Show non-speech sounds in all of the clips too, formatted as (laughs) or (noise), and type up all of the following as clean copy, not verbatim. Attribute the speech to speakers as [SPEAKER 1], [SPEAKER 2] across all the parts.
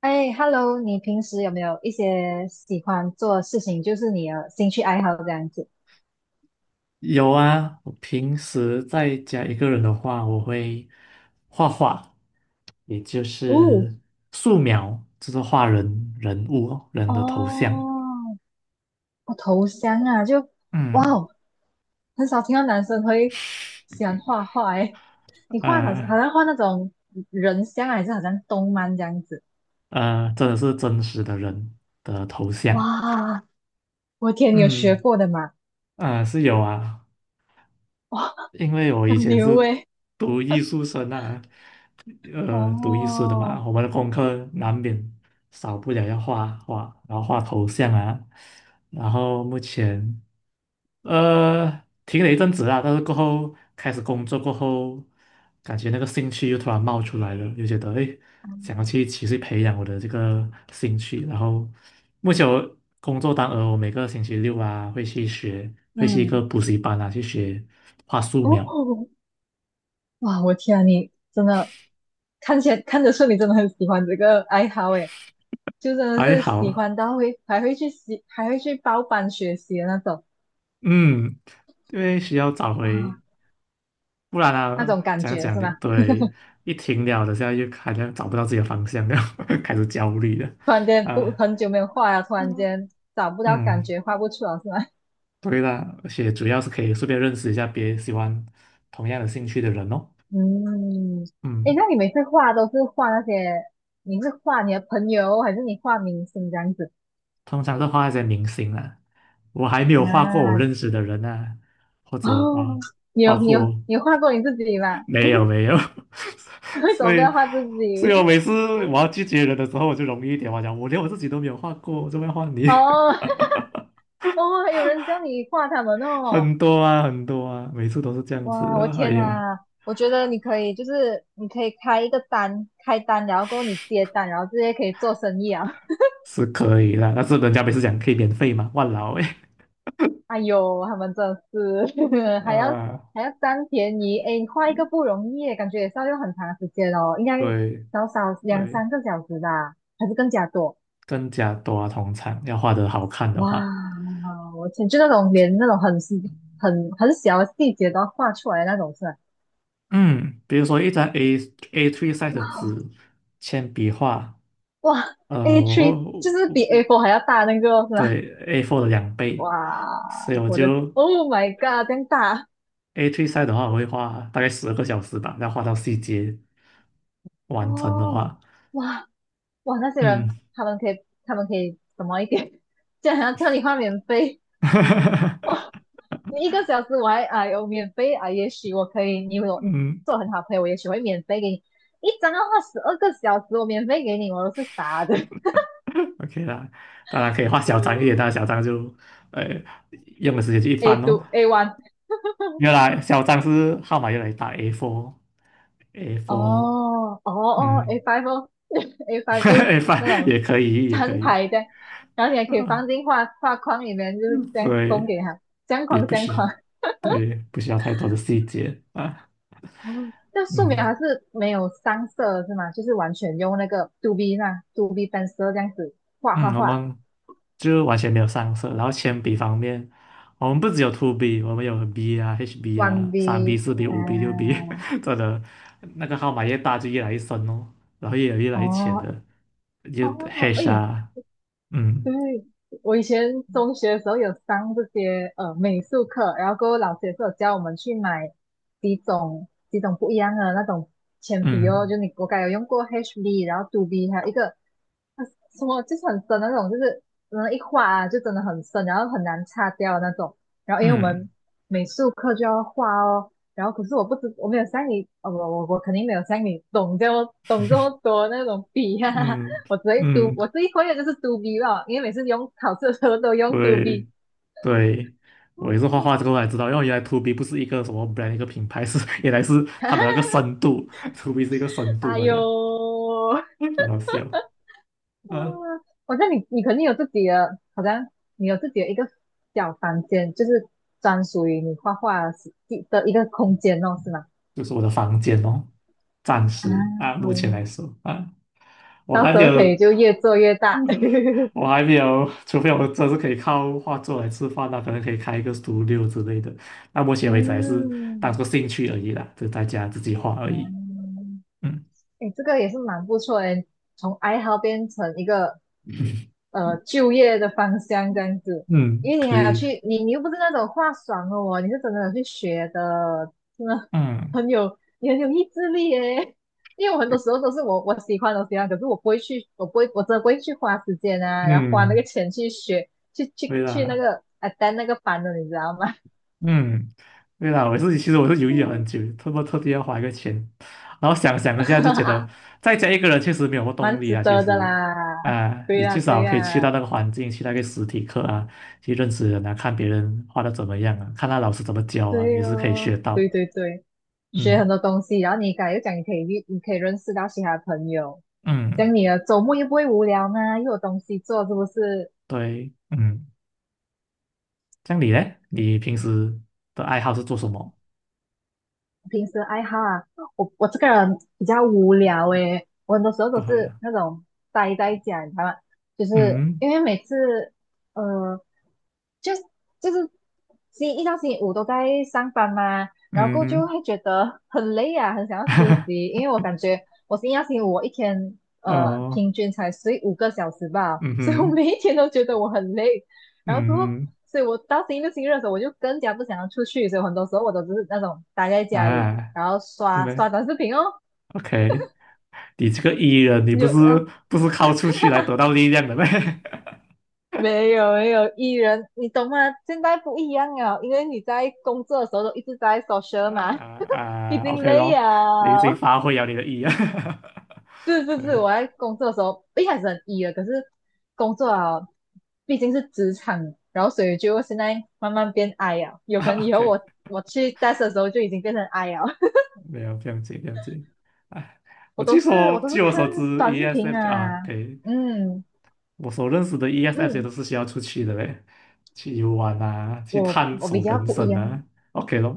[SPEAKER 1] 哎，Hello，你平时有没有一些喜欢做的事情，就是你的兴趣爱好这样子？
[SPEAKER 2] 有啊，我平时在家一个人的话，我会画画，也就
[SPEAKER 1] 哦。
[SPEAKER 2] 是素描，就是画人物哦，人
[SPEAKER 1] 哦，
[SPEAKER 2] 的头像。
[SPEAKER 1] 我头降啊，就哇
[SPEAKER 2] 嗯，
[SPEAKER 1] 哦，很少听到男生会喜欢画画诶。你画好像好
[SPEAKER 2] 呃
[SPEAKER 1] 像画那种人像啊还是好像动漫这样子？
[SPEAKER 2] 真的是真实的人的头像。
[SPEAKER 1] 哇，我的天，你有学
[SPEAKER 2] 嗯，
[SPEAKER 1] 过的吗？
[SPEAKER 2] 啊，是有啊，
[SPEAKER 1] 哇，
[SPEAKER 2] 因为我
[SPEAKER 1] (laughs)
[SPEAKER 2] 以
[SPEAKER 1] 很
[SPEAKER 2] 前
[SPEAKER 1] 牛
[SPEAKER 2] 是
[SPEAKER 1] 诶。
[SPEAKER 2] 读艺术生啊，读艺术的
[SPEAKER 1] 哦。
[SPEAKER 2] 嘛，我们的功课难免少不了要画画，然后画头像啊。然后目前呃，停了一阵子啦，但是过后开始工作过后，感觉那个兴趣又突然冒出来了，又觉得诶，想要去持续培养我的这个兴趣。然后目前我工作当额，我每个星期六啊会去学，会去一个
[SPEAKER 1] 嗯。
[SPEAKER 2] 补习班啊去学画素描，
[SPEAKER 1] 哦。哇，我天啊你真的看起来看得出你真的很喜欢这个爱好诶。就真的
[SPEAKER 2] 还
[SPEAKER 1] 是喜
[SPEAKER 2] 好，
[SPEAKER 1] 欢到会还会去习，还会去包班学习的那种。
[SPEAKER 2] 嗯，因为需要找
[SPEAKER 1] 哇，
[SPEAKER 2] 回，不然
[SPEAKER 1] 那
[SPEAKER 2] 啊
[SPEAKER 1] 种感
[SPEAKER 2] 讲
[SPEAKER 1] 觉
[SPEAKER 2] 讲
[SPEAKER 1] 是
[SPEAKER 2] 的，
[SPEAKER 1] 吗？
[SPEAKER 2] 对，一停了的，现在又好像找不到自己的方向了，(laughs) 开始焦虑了
[SPEAKER 1] 突然间不
[SPEAKER 2] 啊。
[SPEAKER 1] 很久没有画了，突然
[SPEAKER 2] 嗯
[SPEAKER 1] 间找不到感
[SPEAKER 2] 嗯，
[SPEAKER 1] 觉，画不出来是吗？
[SPEAKER 2] 对啦，而且主要是可以顺便认识一下别喜欢同样的兴趣的人哦。
[SPEAKER 1] 嗯。诶，
[SPEAKER 2] 嗯，
[SPEAKER 1] 那你每次画都是画那些，你是画你的朋友，还是你画明星这样子
[SPEAKER 2] 通常是画一些明星啊，我还没有画过我
[SPEAKER 1] 啊？
[SPEAKER 2] 认识的人啊，或者包
[SPEAKER 1] 哦，你有
[SPEAKER 2] 包
[SPEAKER 1] 你有
[SPEAKER 2] 括
[SPEAKER 1] 你有画过你自己吗？
[SPEAKER 2] (laughs) 没有没有，
[SPEAKER 1] (laughs)
[SPEAKER 2] (laughs)
[SPEAKER 1] 为什么
[SPEAKER 2] 所
[SPEAKER 1] 不要
[SPEAKER 2] 以
[SPEAKER 1] 画自
[SPEAKER 2] 所以我
[SPEAKER 1] 己？
[SPEAKER 2] 每次我要拒绝人的时候，我就容易一点，我讲我连我自己都没有画过，我怎么要画
[SPEAKER 1] (laughs)
[SPEAKER 2] 你？
[SPEAKER 1] 哦
[SPEAKER 2] (laughs)
[SPEAKER 1] (laughs) 哦，有人教你画他们哦。
[SPEAKER 2] 很多啊很多啊，每次都是这样子
[SPEAKER 1] 哇，我
[SPEAKER 2] 的，哎
[SPEAKER 1] 天
[SPEAKER 2] 呀，
[SPEAKER 1] 呐，我觉得你可以，就是你可以开一个单，开单，然后过后你接单，然后直接可以做生意啊。
[SPEAKER 2] 是可以啦，但是人家每次讲可以免费嘛，万劳哎，
[SPEAKER 1] (laughs) 哎呦，他们真的是
[SPEAKER 2] (laughs)
[SPEAKER 1] (laughs) 还要
[SPEAKER 2] 啊，
[SPEAKER 1] 还要占便宜，哎，你画一个不容易耶，感觉也是要用很长时间哦，应该
[SPEAKER 2] 对
[SPEAKER 1] 少少两
[SPEAKER 2] 对。
[SPEAKER 1] 三个小时吧，还是更加多。
[SPEAKER 2] 更加多啊。通常要画得好看的话，
[SPEAKER 1] 哇，我天，就那种连那种很细、很小的细节都要画出来的那种是吧？
[SPEAKER 2] 嗯，比如说一张 A3 size 的纸，铅笔画，
[SPEAKER 1] 哇
[SPEAKER 2] 我会
[SPEAKER 1] ，A3 就是
[SPEAKER 2] 我
[SPEAKER 1] 比
[SPEAKER 2] 我
[SPEAKER 1] A4 还要大那个是吧？
[SPEAKER 2] 对 a four 的两
[SPEAKER 1] 哇，
[SPEAKER 2] 倍，所以我
[SPEAKER 1] 我的
[SPEAKER 2] 就
[SPEAKER 1] Oh my God,这样大
[SPEAKER 2] A3 size 的话，我会画大概12个小时吧，要画到细节完成的
[SPEAKER 1] 哦。
[SPEAKER 2] 话，
[SPEAKER 1] 哇，那些人
[SPEAKER 2] 嗯，
[SPEAKER 1] 他们可以怎么一点？(laughs) 竟然要叫你换免费，
[SPEAKER 2] (laughs)
[SPEAKER 1] 你一个小时我还哎呦免费啊，也许我可以，你有你
[SPEAKER 2] 嗯
[SPEAKER 1] 做很好朋友，我也许会免费给你一张要花12个小时，我免费给你，我都是傻的。(laughs)
[SPEAKER 2] ，OK 啦，当然可以画小张一点，
[SPEAKER 1] 嗯，
[SPEAKER 2] 但小张就呃用的时间就一般
[SPEAKER 1] A
[SPEAKER 2] 哦。
[SPEAKER 1] two, A one。
[SPEAKER 2] 原来小张是号码越来越大 a four，
[SPEAKER 1] 哦，A
[SPEAKER 2] 嗯
[SPEAKER 1] five 哦 (laughs)，A five
[SPEAKER 2] (laughs)
[SPEAKER 1] 就
[SPEAKER 2] A5
[SPEAKER 1] 那种
[SPEAKER 2] 也可
[SPEAKER 1] (laughs)
[SPEAKER 2] 以，也可
[SPEAKER 1] 三
[SPEAKER 2] 以
[SPEAKER 1] 排的，然后你还可以
[SPEAKER 2] 啊，
[SPEAKER 1] 放进画画框里面，就是这样
[SPEAKER 2] 所
[SPEAKER 1] 送
[SPEAKER 2] 以
[SPEAKER 1] 给他，相
[SPEAKER 2] 也
[SPEAKER 1] 框
[SPEAKER 2] 不
[SPEAKER 1] 相框。
[SPEAKER 2] 是，对，不需要太多的细节啊，
[SPEAKER 1] 哦，那素描
[SPEAKER 2] 嗯
[SPEAKER 1] 还是没有上色的是吗？就是完全用那个 two B, 那 two B pencil 这样子画画
[SPEAKER 2] 嗯，我
[SPEAKER 1] 画
[SPEAKER 2] 们就完全没有上色，然后铅笔方面，我们不只有 2B，我们有 B 啊、HB
[SPEAKER 1] ，one
[SPEAKER 2] 啊、
[SPEAKER 1] B,
[SPEAKER 2] 3B、4B、5B、6B，
[SPEAKER 1] 嗯。
[SPEAKER 2] (laughs) 真的那个号码越大就越来越深哦，然后也有越
[SPEAKER 1] 哦
[SPEAKER 2] 来越浅的，就
[SPEAKER 1] 哦，
[SPEAKER 2] 黑
[SPEAKER 1] 哎，
[SPEAKER 2] 啊，嗯
[SPEAKER 1] 对，我以前中学的时候有上这些美术课，然后各位老师也是有教我们去买几种不一样的那种铅笔哦，
[SPEAKER 2] 嗯。
[SPEAKER 1] 就你我该有用过 HB,然后 2B,还有一个呃什么就是很深的那种，就是嗯一画啊就真的很深，然后很难擦掉的那种。然后因为我
[SPEAKER 2] 嗯
[SPEAKER 1] 们美术课就要画哦，然后可是我不知我没有像你，哦我我肯定没有像你懂这么多那种笔啊，
[SPEAKER 2] 嗯
[SPEAKER 1] 我只会 do,
[SPEAKER 2] 嗯，
[SPEAKER 1] 我这一个月就是 do B 了，因为每次用考试的时候都用 do B。
[SPEAKER 2] 对对，我也是画画之后才知道，因为原来 To B 不是一个什么 brand 一个品牌，是原来是它的那个
[SPEAKER 1] (laughs)
[SPEAKER 2] 深度，To B 是一个深度
[SPEAKER 1] 哎
[SPEAKER 2] 罢
[SPEAKER 1] 呦。
[SPEAKER 2] 了，很好笑。
[SPEAKER 1] 哇！
[SPEAKER 2] 嗯，
[SPEAKER 1] 我觉得你你肯定有自己的，好像你有自己的一个小房间，就是专属于你画画的的一个空间哦，是吗？
[SPEAKER 2] 就是我的房间哦，暂
[SPEAKER 1] 啊，
[SPEAKER 2] 时啊，目前来说啊，我
[SPEAKER 1] 到时
[SPEAKER 2] 还没
[SPEAKER 1] 候可以
[SPEAKER 2] 有，
[SPEAKER 1] 就越做越大。(laughs)
[SPEAKER 2] 我还没有，除非我真是可以靠画作来吃饭，那可能可以开一个 studio 之类的。那目前为止还是当
[SPEAKER 1] 嗯，
[SPEAKER 2] 做兴趣而已啦，就在家自己画而已。嗯
[SPEAKER 1] 哎，这个也是蛮不错的，从爱好变成一个就业的方向这样子。
[SPEAKER 2] 嗯，
[SPEAKER 1] 因为你
[SPEAKER 2] 可
[SPEAKER 1] 还要
[SPEAKER 2] 以，
[SPEAKER 1] 去，你你又不是那种话爽的哦，你是真的有去学的，真的
[SPEAKER 2] 嗯
[SPEAKER 1] 很有你很有意志力耶。因为我很多时候都是我喜欢的东西啊，可是我不会去，我不会，我真的不会去花时间啊，然后花那个
[SPEAKER 2] 嗯，
[SPEAKER 1] 钱去学，去
[SPEAKER 2] 微
[SPEAKER 1] 去去那
[SPEAKER 2] 辣，
[SPEAKER 1] 个啊单那个班的，你知道吗？
[SPEAKER 2] 嗯，微辣，我自己其实我是犹豫了很久，特不特地要花一个钱，然后想想
[SPEAKER 1] (laughs)
[SPEAKER 2] 了一下就觉得
[SPEAKER 1] 嗯。
[SPEAKER 2] 再加一个人确实没有
[SPEAKER 1] (laughs) 蛮
[SPEAKER 2] 动力
[SPEAKER 1] 值
[SPEAKER 2] 啊，其
[SPEAKER 1] 得的
[SPEAKER 2] 实
[SPEAKER 1] 啦。
[SPEAKER 2] 啊，
[SPEAKER 1] 对
[SPEAKER 2] 你
[SPEAKER 1] 呀、
[SPEAKER 2] 至
[SPEAKER 1] 对
[SPEAKER 2] 少可以去到
[SPEAKER 1] 呀、
[SPEAKER 2] 那个环境，去那个实体课啊，去认识人啊，看别人画的怎么样啊，看他老师怎么教啊，也
[SPEAKER 1] 对
[SPEAKER 2] 是可以学
[SPEAKER 1] 哦，
[SPEAKER 2] 到，
[SPEAKER 1] 对对对，学
[SPEAKER 2] 嗯
[SPEAKER 1] 很多东西，然后你刚才又讲你可以遇，你可以认识到其他朋友，这
[SPEAKER 2] 嗯，
[SPEAKER 1] 样你的周末又不会无聊啊，又有东西做，是不是？
[SPEAKER 2] 对，嗯，像你嘞，你平时的爱好是做什么？
[SPEAKER 1] 平时爱好啊，我这个人比较无聊诶，我很多时候都
[SPEAKER 2] 不会
[SPEAKER 1] 是
[SPEAKER 2] 啊，
[SPEAKER 1] 那种待在家，你知道吗？就是
[SPEAKER 2] 嗯
[SPEAKER 1] 因为每次，呃，就就是星期一到星期五都在上班嘛，然
[SPEAKER 2] 嗯
[SPEAKER 1] 后就
[SPEAKER 2] 哼。
[SPEAKER 1] 会觉得很累啊，很想要休
[SPEAKER 2] (laughs)
[SPEAKER 1] 息，因为我感觉我星期一到星期五我一天
[SPEAKER 2] 哦，
[SPEAKER 1] 平均才睡5个小时吧，
[SPEAKER 2] 嗯
[SPEAKER 1] 所以我
[SPEAKER 2] 哼，
[SPEAKER 1] 每一天都觉得我很累，然后之后。
[SPEAKER 2] 嗯，
[SPEAKER 1] 所以我到星期六、星期日的时候，我就更加不想要出去，所以很多时候我都是那种待在家里，
[SPEAKER 2] 哎，
[SPEAKER 1] 然后刷
[SPEAKER 2] 没
[SPEAKER 1] 刷短视频哦。
[SPEAKER 2] ，OK，你这个 E 人，你不
[SPEAKER 1] 有
[SPEAKER 2] 是
[SPEAKER 1] 啊。
[SPEAKER 2] 不是靠出去来得
[SPEAKER 1] (laughs)
[SPEAKER 2] 到力量的咩？(laughs)
[SPEAKER 1] 没有没有艺人，你懂吗？现在不一样了，因为你在工作的时候都一直在 social
[SPEAKER 2] 啊
[SPEAKER 1] 嘛，已
[SPEAKER 2] 啊
[SPEAKER 1] 经
[SPEAKER 2] ，OK
[SPEAKER 1] 累
[SPEAKER 2] 咯，你已经
[SPEAKER 1] 了。
[SPEAKER 2] 发挥了你的 E 啊，
[SPEAKER 1] (laughs) 是
[SPEAKER 2] (laughs)
[SPEAKER 1] 是
[SPEAKER 2] 可
[SPEAKER 1] 是，
[SPEAKER 2] 以
[SPEAKER 1] 我在工作的时候一开始很 E 了可是工作啊，毕竟是职场，然后所以就现在慢慢变 I 啊。有可能
[SPEAKER 2] (laughs)
[SPEAKER 1] 以后
[SPEAKER 2] ，OK，
[SPEAKER 1] 我去 desk 的时候就已经变成 I 啊。(laughs)
[SPEAKER 2] 没有，不用紧，不用紧。哎，
[SPEAKER 1] 我
[SPEAKER 2] 我
[SPEAKER 1] 都
[SPEAKER 2] 据
[SPEAKER 1] 是我
[SPEAKER 2] 说，
[SPEAKER 1] 都是
[SPEAKER 2] 据我
[SPEAKER 1] 看
[SPEAKER 2] 所知
[SPEAKER 1] 短视频
[SPEAKER 2] ，ESF 啊，
[SPEAKER 1] 啊。
[SPEAKER 2] 可以，
[SPEAKER 1] 嗯嗯。嗯
[SPEAKER 2] 我所认识的
[SPEAKER 1] 嗯
[SPEAKER 2] ESFJ
[SPEAKER 1] 嗯
[SPEAKER 2] 都是需要出去的嘞，去游玩啊，去
[SPEAKER 1] 我
[SPEAKER 2] 探
[SPEAKER 1] 我比
[SPEAKER 2] 索
[SPEAKER 1] 较
[SPEAKER 2] 人
[SPEAKER 1] 不一
[SPEAKER 2] 生
[SPEAKER 1] 样。
[SPEAKER 2] 啊，OK 咯，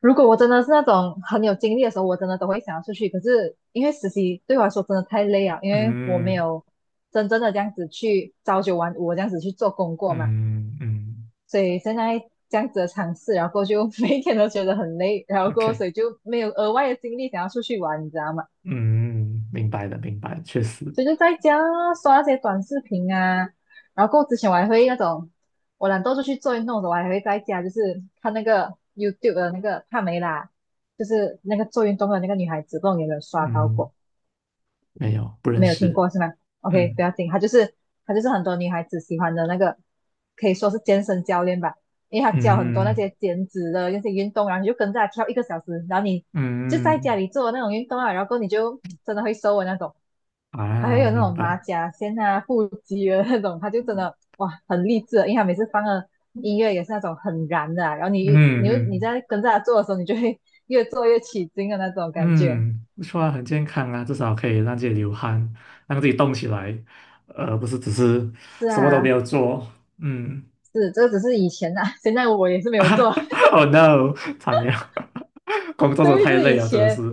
[SPEAKER 1] 如果我真的是那种很有精力的时候，我真的都会想要出去。可是因为实习对我来说真的太累了，
[SPEAKER 2] (laughs)
[SPEAKER 1] 因为我没
[SPEAKER 2] 嗯。
[SPEAKER 1] 有真正的这样子去朝九晚五这样子去做工过嘛。
[SPEAKER 2] 嗯嗯
[SPEAKER 1] 所以现在这样子的尝试，然后就每天都觉得很累，然后过
[SPEAKER 2] ，OK，
[SPEAKER 1] 所以就没有额外的精力想要出去玩，你知道吗？
[SPEAKER 2] 嗯，明白了，明白了，确实，
[SPEAKER 1] 所以就在家刷那些短视频啊，然后过之前我还会那种，我懒惰出去做运动的时候，我还会在家就是看那个 YouTube 的那个帕梅拉，就是那个做运动的那个女孩子，不知道你有没有刷到
[SPEAKER 2] 嗯，
[SPEAKER 1] 过？
[SPEAKER 2] 没有，不认
[SPEAKER 1] 没有听
[SPEAKER 2] 识，
[SPEAKER 1] 过是吗？OK,
[SPEAKER 2] 嗯
[SPEAKER 1] 不要紧，他就是他就是很多女孩子喜欢的那个，可以说是健身教练吧，因为他教很多那
[SPEAKER 2] 嗯
[SPEAKER 1] 些减脂的那些运动，然后你就跟着他跳一个小时，然后你就在家
[SPEAKER 2] 嗯
[SPEAKER 1] 里做那种运动啊，然后你就真的会瘦的那种，还会
[SPEAKER 2] 啊，
[SPEAKER 1] 有那
[SPEAKER 2] 明
[SPEAKER 1] 种马
[SPEAKER 2] 白，
[SPEAKER 1] 甲线啊、腹肌的那种，他就真
[SPEAKER 2] 嗯，
[SPEAKER 1] 的哇很励志的因为他每次放的音乐也是那种很燃的啊然后
[SPEAKER 2] 嗯
[SPEAKER 1] 你就你
[SPEAKER 2] 嗯
[SPEAKER 1] 在跟着他做的时候，你就会越做越起劲的那种感觉。
[SPEAKER 2] 嗯说不错啊，很健康啊，至少可以让自己流汗，让自己动起来，不是只是
[SPEAKER 1] 是
[SPEAKER 2] 什么都没
[SPEAKER 1] 啊，
[SPEAKER 2] 有做，嗯
[SPEAKER 1] 是，这只是以前啊，现在我也是没有做。(laughs)
[SPEAKER 2] (laughs)，Oh no，惨了，(laughs) 工作都
[SPEAKER 1] 对于
[SPEAKER 2] 太
[SPEAKER 1] 这
[SPEAKER 2] 累
[SPEAKER 1] 以
[SPEAKER 2] 了，真的是，
[SPEAKER 1] 前，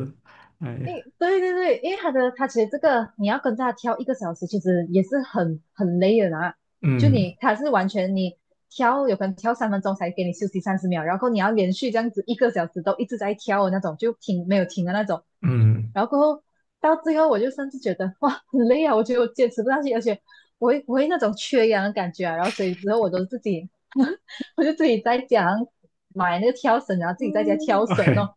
[SPEAKER 2] 哎，
[SPEAKER 1] 因对对对，因为他的他其实这个你要跟着他跳一个小时，其实也是很累的啦。就
[SPEAKER 2] 嗯
[SPEAKER 1] 你他是完全你跳，有可能跳3分钟才给你休息30秒，然后你要连续这样子一个小时都一直在跳的那种，就停没有停的那种。
[SPEAKER 2] 嗯。
[SPEAKER 1] 然后过后到最后，我就甚至觉得哇很累啊，我觉得我坚持不下去，而且我会那种缺氧的感觉啊。然后所以之后我都自己，(laughs) 我就自己在家买那个跳绳，然后自己在家
[SPEAKER 2] 嗯
[SPEAKER 1] 跳绳
[SPEAKER 2] OK，
[SPEAKER 1] 哦。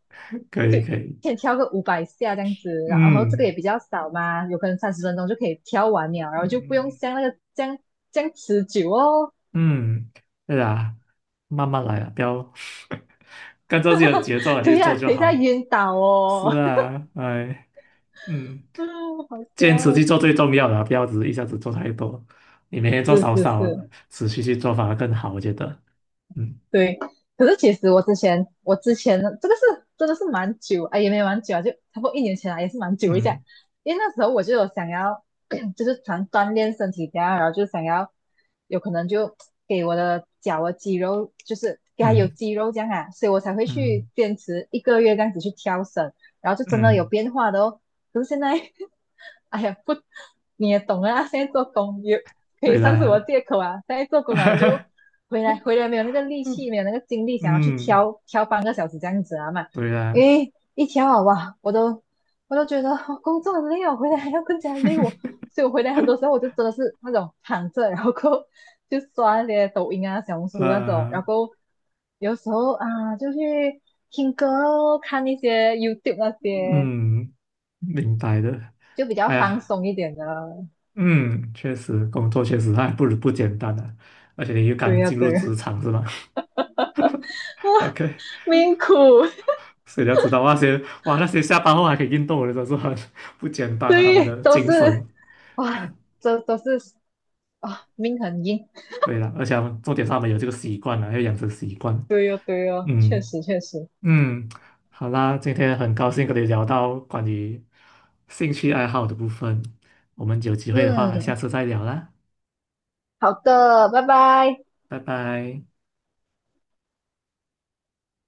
[SPEAKER 2] 可
[SPEAKER 1] 就
[SPEAKER 2] 以可以，
[SPEAKER 1] 先跳个500下这样子，然后这
[SPEAKER 2] 嗯。
[SPEAKER 1] 个也比较少嘛，有可能30分钟就可以跳完了，然后就不用
[SPEAKER 2] 嗯
[SPEAKER 1] 像那个这样持久哦，
[SPEAKER 2] 嗯，对啊，慢慢来啊，不要 (laughs) 跟着自己的节奏
[SPEAKER 1] (laughs)
[SPEAKER 2] 来
[SPEAKER 1] 对
[SPEAKER 2] 去
[SPEAKER 1] 呀、
[SPEAKER 2] 做
[SPEAKER 1] 啊
[SPEAKER 2] 就
[SPEAKER 1] 等一下
[SPEAKER 2] 好。
[SPEAKER 1] 晕倒
[SPEAKER 2] 是
[SPEAKER 1] 哦，
[SPEAKER 2] 啊，哎，嗯，
[SPEAKER 1] (laughs) 嗯，好
[SPEAKER 2] 坚
[SPEAKER 1] 笑
[SPEAKER 2] 持去
[SPEAKER 1] 哦，
[SPEAKER 2] 做最重要的啊，不要只一下子做太多，你每天做
[SPEAKER 1] 是
[SPEAKER 2] 少
[SPEAKER 1] 是
[SPEAKER 2] 少，
[SPEAKER 1] 是，
[SPEAKER 2] 持续去做反而更好，我觉得。嗯
[SPEAKER 1] 对，可是其实我之前，我之前这个是真的是蛮久，哎，也没有蛮久啊，就差不多一年前啊，也是蛮久一下。
[SPEAKER 2] 嗯
[SPEAKER 1] 因为那时候我就有想要，(clears throat) 就是想锻炼身体这样，然后就想要有可能就给我的脚的肌肉，就是给它有
[SPEAKER 2] 嗯
[SPEAKER 1] 肌肉这样啊，所以我才会
[SPEAKER 2] 嗯
[SPEAKER 1] 去坚持一个月这样子去跳绳，然后就真的有
[SPEAKER 2] 嗯，
[SPEAKER 1] 变化的哦。哎呀，不，你也懂啊，现在做工也可以
[SPEAKER 2] 对
[SPEAKER 1] 算是我的
[SPEAKER 2] 啦，
[SPEAKER 1] 借口啊。现在做工啊，就
[SPEAKER 2] (laughs)
[SPEAKER 1] 回来没有那个力气，没有那个精力，想要去
[SPEAKER 2] 嗯，
[SPEAKER 1] 挑挑半个小时这样子啊嘛。
[SPEAKER 2] 对
[SPEAKER 1] 因
[SPEAKER 2] 啦，
[SPEAKER 1] 为一挑好吧，我都觉得哦工作很累哦，回来还要更加累我。
[SPEAKER 2] (laughs)
[SPEAKER 1] 所以我回来很多时候我就真的是那种躺着，然后过后就刷那些抖音啊、小红书那种，然
[SPEAKER 2] 嗯
[SPEAKER 1] 后有时候啊就去听歌咯，看一些 YouTube 那些，
[SPEAKER 2] 嗯，明白的。
[SPEAKER 1] 就比较
[SPEAKER 2] 哎
[SPEAKER 1] 放
[SPEAKER 2] 呀。
[SPEAKER 1] 松一点的。
[SPEAKER 2] 嗯，确实，工作确实还不简单啊，而且你又
[SPEAKER 1] 对
[SPEAKER 2] 刚
[SPEAKER 1] 呀、
[SPEAKER 2] 进入
[SPEAKER 1] 对呀、
[SPEAKER 2] 职场是吧 (laughs)
[SPEAKER 1] (laughs)
[SPEAKER 2] ？OK，
[SPEAKER 1] 命苦，
[SPEAKER 2] 所以你要知道那些哇，那些下班后还可以运动的，真是很不简单啊，他们
[SPEAKER 1] 对，
[SPEAKER 2] 的
[SPEAKER 1] 都
[SPEAKER 2] 精
[SPEAKER 1] 是
[SPEAKER 2] 神。
[SPEAKER 1] 哇，
[SPEAKER 2] 嗯，
[SPEAKER 1] 这都是啊，命很硬。
[SPEAKER 2] 对了，而且他们重点是他们有这个习惯啊，要养成习惯。
[SPEAKER 1] 对哦，对哦，确
[SPEAKER 2] 嗯
[SPEAKER 1] 实确实。
[SPEAKER 2] 嗯，好啦，今天很高兴跟你聊到关于兴趣爱好的部分，我们有机会的话，
[SPEAKER 1] 嗯，
[SPEAKER 2] 下次再聊啦，
[SPEAKER 1] 好的，拜拜。
[SPEAKER 2] 拜拜。